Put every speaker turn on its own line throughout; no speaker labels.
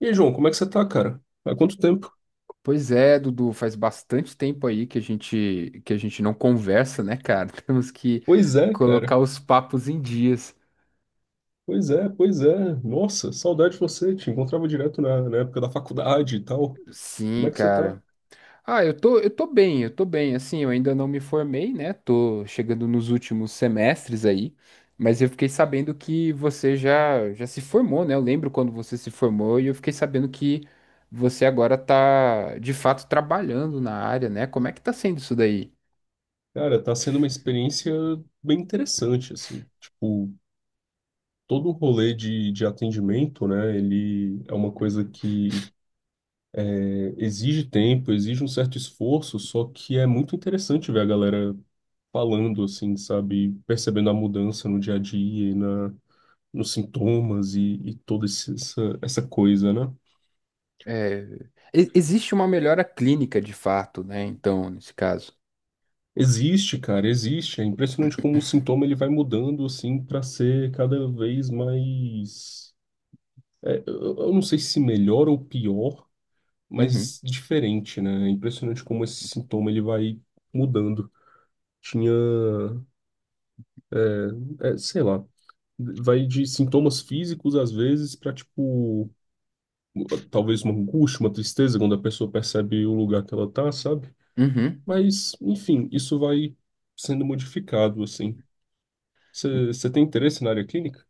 E aí, João, como é que você tá, cara? Há quanto tempo?
Pois é, Dudu, faz bastante tempo aí que a gente não conversa, né, cara? Temos que
Pois é,
colocar
cara.
os papos em dias.
Pois é, pois é. Nossa, saudade de você. Te encontrava direto na época da faculdade e tal. Como
Sim,
é que você tá?
cara. Ah, eu tô bem, eu tô bem. Assim, eu ainda não me formei, né? Tô chegando nos últimos semestres aí, mas eu fiquei sabendo que você já se formou, né? Eu lembro quando você se formou e eu fiquei sabendo que você agora tá de fato trabalhando na área, né? Como é que tá sendo isso daí?
Cara, tá sendo uma experiência bem interessante, assim. Tipo, todo o rolê de atendimento, né? Ele é uma coisa que exige tempo, exige um certo esforço, só que é muito interessante ver a galera falando, assim, sabe? Percebendo a mudança no dia a dia e na nos sintomas e toda essa coisa, né?
É, existe uma melhora clínica de fato, né? Então, nesse caso.
Existe, cara, existe. É impressionante como o sintoma ele vai mudando assim para ser cada vez mais, eu não sei se melhor ou pior,
Uhum,
mas diferente, né? É impressionante como esse sintoma ele vai mudando. Tinha, sei lá, vai de sintomas físicos às vezes para tipo talvez uma angústia, uma tristeza quando a pessoa percebe o lugar que ela tá, sabe?
uhum.
Mas, enfim, isso vai sendo modificado, assim. Você tem interesse na área clínica?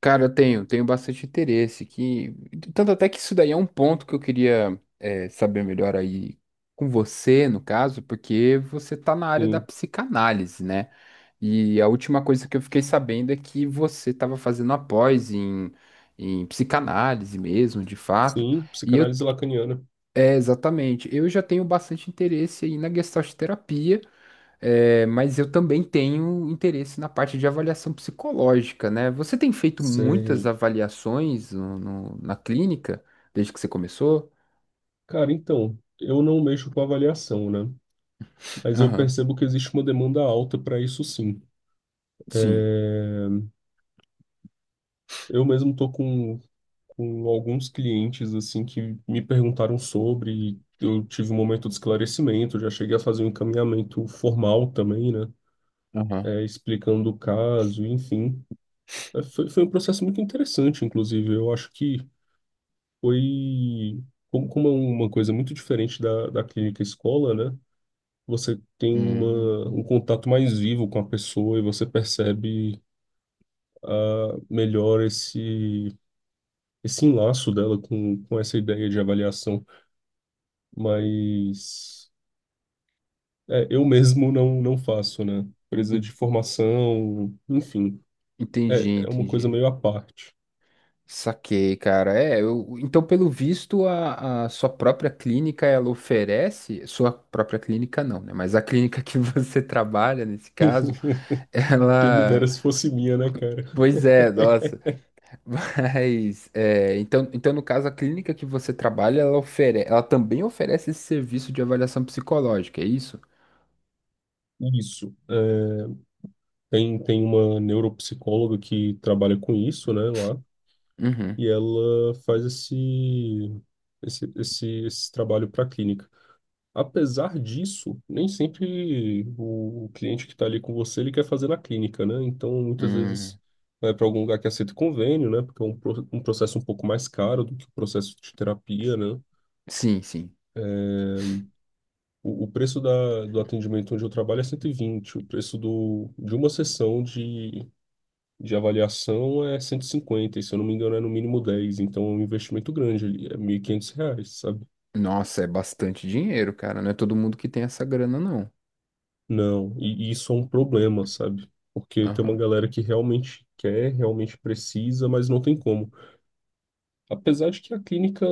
Cara, eu tenho bastante interesse que tanto até que isso daí é um ponto que eu queria saber melhor aí com você, no caso, porque você tá na área da
Sim,
psicanálise, né? E a última coisa que eu fiquei sabendo é que você estava fazendo a pós em psicanálise mesmo, de fato.
sim,
E eu,
psicanálise lacaniana.
é, exatamente, eu já tenho bastante interesse aí na gestalt terapia. É, mas eu também tenho interesse na parte de avaliação psicológica, né? Você tem feito muitas
Sei.
avaliações na clínica desde que você começou?
Cara, então, eu não mexo com avaliação, né? Mas eu
Aham,
percebo que existe uma demanda alta para isso, sim.
sim,
Eu mesmo tô com alguns clientes, assim, que me perguntaram sobre, e eu tive um momento de esclarecimento, já cheguei a fazer um encaminhamento formal também, né?
aham.
Explicando o caso, enfim. Foi um processo muito interessante, inclusive. Eu acho que foi, como é uma coisa muito diferente da clínica escola, né? Você tem
Hum,
um contato mais vivo com a pessoa e você percebe ah, melhor esse enlaço dela com essa ideia de avaliação. Mas eu mesmo não faço, né? Precisa
en-
de formação, enfim,
entendi,
é uma coisa
entendi.
meio à parte.
Saquei, cara. É, então, pelo visto, a sua própria clínica ela oferece, sua própria clínica não, né? Mas a clínica que você trabalha, nesse caso,
Quem me
ela.
dera se fosse minha, né, cara?
Pois é, nossa. Mas, então, no caso, a clínica que você trabalha, ela também oferece esse serviço de avaliação psicológica, é isso?
Isso. É, tem uma neuropsicóloga que trabalha com isso, né, lá,
Uhum.
e ela faz esse trabalho para a clínica. Apesar disso, nem sempre o cliente que está ali com você, ele quer fazer na clínica, né? Então, muitas
Hum.
vezes vai para algum lugar que aceita convênio, né? Porque é um processo um pouco mais caro do que o processo de terapia, né?
Sim, sim.
O preço do atendimento onde eu trabalho é 120, o preço do, de uma sessão de avaliação é 150, e se eu não me engano é no mínimo 10, então é um investimento grande ali, é R$ 1.500, sabe?
Nossa, é bastante dinheiro, cara. Não é todo mundo que tem essa grana, não.
Não, e isso é um problema, sabe? Porque tem uma
Aham.
galera que realmente quer, realmente precisa, mas não tem como. Apesar de que a clínica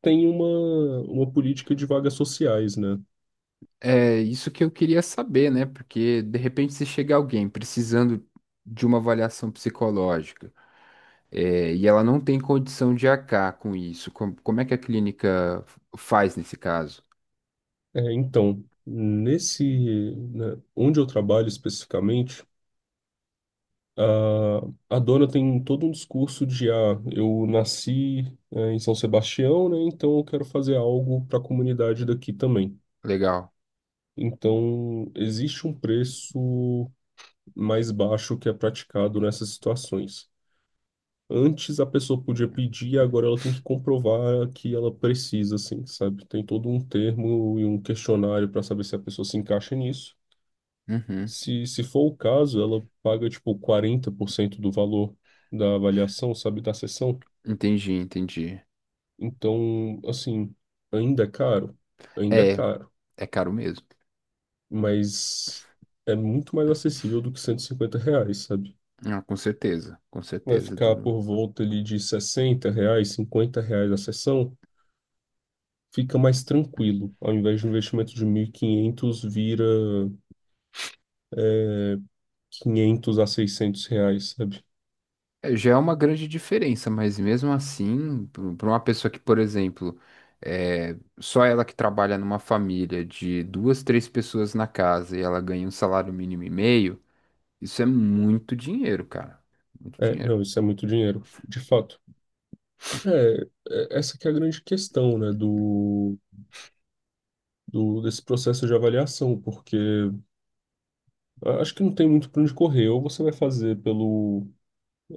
tem uma política de vagas sociais, né?
É isso que eu queria saber, né? Porque, de repente, se chega alguém precisando de uma avaliação psicológica, é, e ela não tem condição de arcar com isso, como é que a clínica faz nesse caso?
Então, nesse, né, onde eu trabalho especificamente, a dona tem todo um discurso de, ah, eu nasci, em São Sebastião, né? Então eu quero fazer algo para a comunidade daqui também.
Legal.
Então, existe um preço mais baixo que é praticado nessas situações. Antes a pessoa podia pedir, agora ela tem que comprovar que ela precisa, assim, sabe? Tem todo um termo e um questionário para saber se a pessoa se encaixa nisso.
Uhum.
Se for o caso, ela paga tipo 40% do valor da avaliação, sabe, da sessão.
Entendi, entendi.
Então, assim, ainda é caro, ainda é
É,
caro,
é caro mesmo.
mas é muito mais acessível do que R$ 150, sabe?
Ah, com
Vai
certeza,
ficar
Dudu.
por volta ali de R$ 60, R$ 50 a sessão, fica mais tranquilo. Ao invés de um investimento de 1.500 vira é, 500 a R$ 600, sabe?
É, já é uma grande diferença, mas mesmo assim, para uma pessoa que, por exemplo, só ela que trabalha numa família de duas, três pessoas na casa e ela ganha um salário mínimo e meio, isso é muito dinheiro, cara. Muito
É,
dinheiro.
não, isso é muito dinheiro, de fato. É, essa que é a grande questão, né, do, do desse processo de avaliação, porque acho que não tem muito para onde correr. Ou você vai fazer pelo,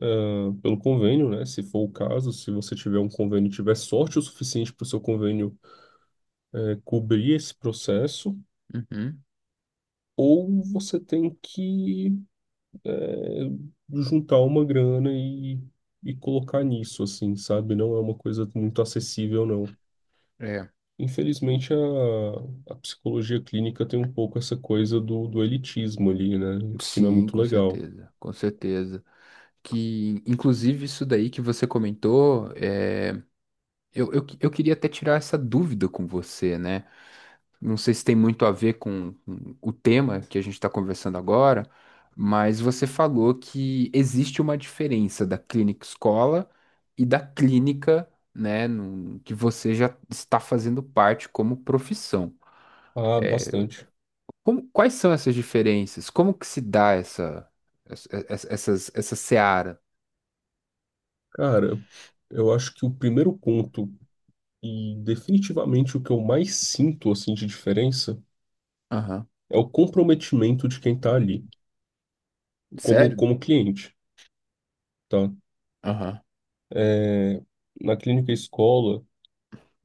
ah, pelo convênio, né, se for o caso, se você tiver um convênio, e tiver sorte o suficiente para o seu convênio cobrir esse processo,
Uhum.
ou você tem que eh, juntar uma grana e colocar nisso, assim, sabe? Não é uma coisa muito acessível, não.
É,
Infelizmente, a psicologia clínica tem um pouco essa coisa do elitismo ali, né? Que não é
sim,
muito
com
legal.
certeza, com certeza. Que, inclusive, isso daí que você comentou, é. Eu queria até tirar essa dúvida com você, né? Não sei se tem muito a ver com o tema que a gente está conversando agora, mas você falou que existe uma diferença da clínica escola e da clínica, né, que você já está fazendo parte como profissão.
Ah, bastante.
Quais são essas diferenças? Como que se dá essa seara?
Cara, eu acho que o primeiro ponto, e definitivamente o que eu mais sinto, assim, de diferença,
Aham.
é o comprometimento de quem tá ali, como,
Sério?
como cliente, tá?
Aham.
É, Na clínica e escola,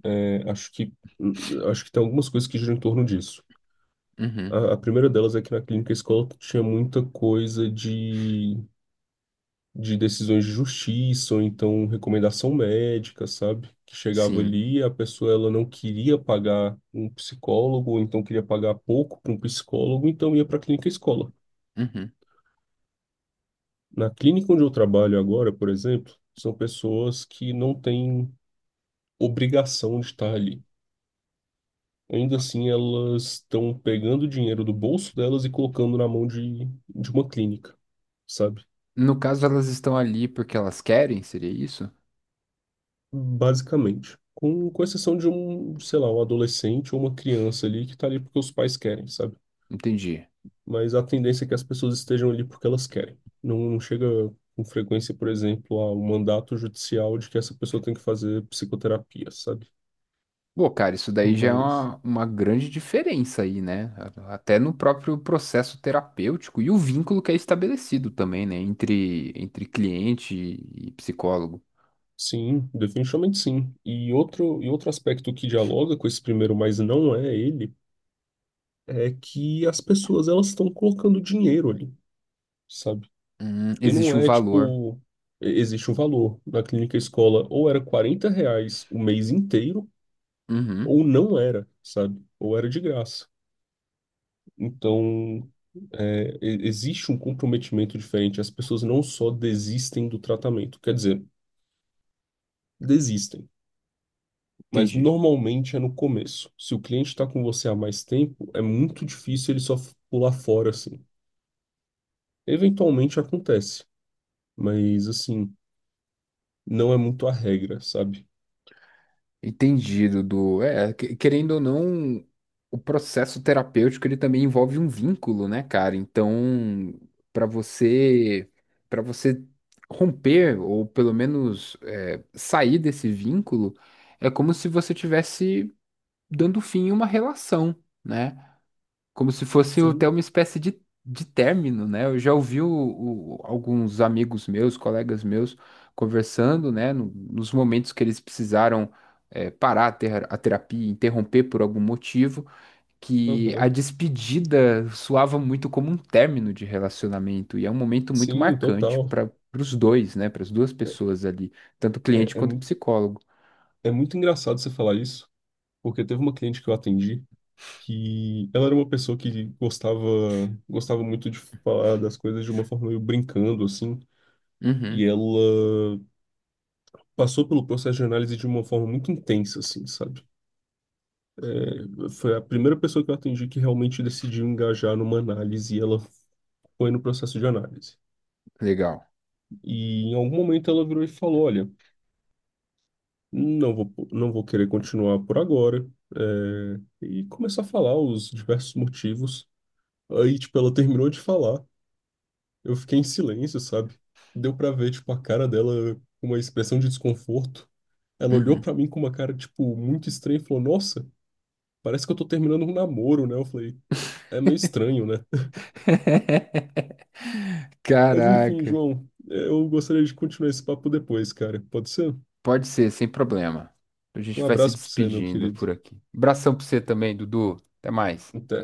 é, acho que, acho que tem algumas coisas que giram em torno disso.
Uhum.
A primeira delas é que na clínica e escola tinha muita coisa de decisões de justiça, ou então recomendação médica, sabe? Que chegava
Sim.
ali e a pessoa ela não queria pagar um psicólogo, ou então queria pagar pouco para um psicólogo, então ia para a clínica escola.
Uhum.
Na clínica onde eu trabalho agora, por exemplo, são pessoas que não têm obrigação de estar ali. Ainda assim, elas estão pegando o dinheiro do bolso delas e colocando na mão de uma clínica, sabe?
No caso, elas estão ali porque elas querem, seria isso?
Basicamente. Com exceção de um, sei lá, um adolescente ou uma criança ali que tá ali porque os pais querem, sabe?
Entendi.
Mas a tendência é que as pessoas estejam ali porque elas querem. Não, não chega com frequência, por exemplo, a um mandato judicial de que essa pessoa tem que fazer psicoterapia, sabe?
Pô, cara, isso daí já é
Mas
uma grande diferença aí, né? Até no próprio processo terapêutico e o vínculo que é estabelecido também, né? Entre cliente e psicólogo.
sim, definitivamente sim. E outro aspecto que dialoga com esse primeiro, mas não é ele, é que as pessoas elas estão colocando dinheiro ali, sabe? E não
Existe um
é
valor.
tipo, existe um valor. Na clínica escola, ou era R$ 40 o mês inteiro,
Uhum,
ou não era, sabe? Ou era de graça. Então, existe um comprometimento diferente. As pessoas não só desistem do tratamento, quer dizer, desistem. Mas
entendi.
normalmente é no começo. Se o cliente está com você há mais tempo, é muito difícil ele só pular fora assim. Eventualmente acontece, mas assim, não é muito a regra, sabe?
Entendido, do é, querendo ou não, o processo terapêutico ele também envolve um vínculo, né, cara? Então, para você, para você romper ou pelo menos sair desse vínculo, é como se você tivesse dando fim a uma relação, né? Como se fosse até
Sim.
uma espécie de término, né? Eu já ouvi alguns amigos meus, colegas meus, conversando, né? Nos momentos que eles precisaram parar a terapia, interromper por algum motivo, que a
Aham.
despedida soava muito como um término de relacionamento, e é um momento muito
Sim,
marcante
total.
para os dois, né? Para as duas pessoas ali, tanto o cliente
É, é,
quanto o
mu-
psicólogo.
É muito engraçado você falar isso, porque teve uma cliente que eu atendi, que ela era uma pessoa que gostava, gostava muito de falar das coisas de uma forma meio brincando, assim,
Uhum,
e ela passou pelo processo de análise de uma forma muito intensa, assim, sabe? Foi a primeira pessoa que eu atendi que realmente decidiu engajar numa análise, e ela foi no processo de análise.
legal.
E em algum momento ela virou e falou: Olha. Não vou querer continuar por agora. é, e começar a falar os diversos motivos. Aí, tipo, ela terminou de falar. Eu fiquei em silêncio, sabe? Deu pra ver, tipo, a cara dela com uma expressão de desconforto. Ela olhou
Uhum.
pra mim com uma cara, tipo, muito estranha e falou: Nossa, parece que eu tô terminando um namoro, né? Eu falei: É meio estranho, né? Mas enfim,
Caraca.
João, eu gostaria de continuar esse papo depois, cara. Pode ser?
Pode ser, sem problema. A gente
Um
vai se
abraço pra você, meu
despedindo
querido.
por aqui. Abração pra você também, Dudu. Até mais.
Até.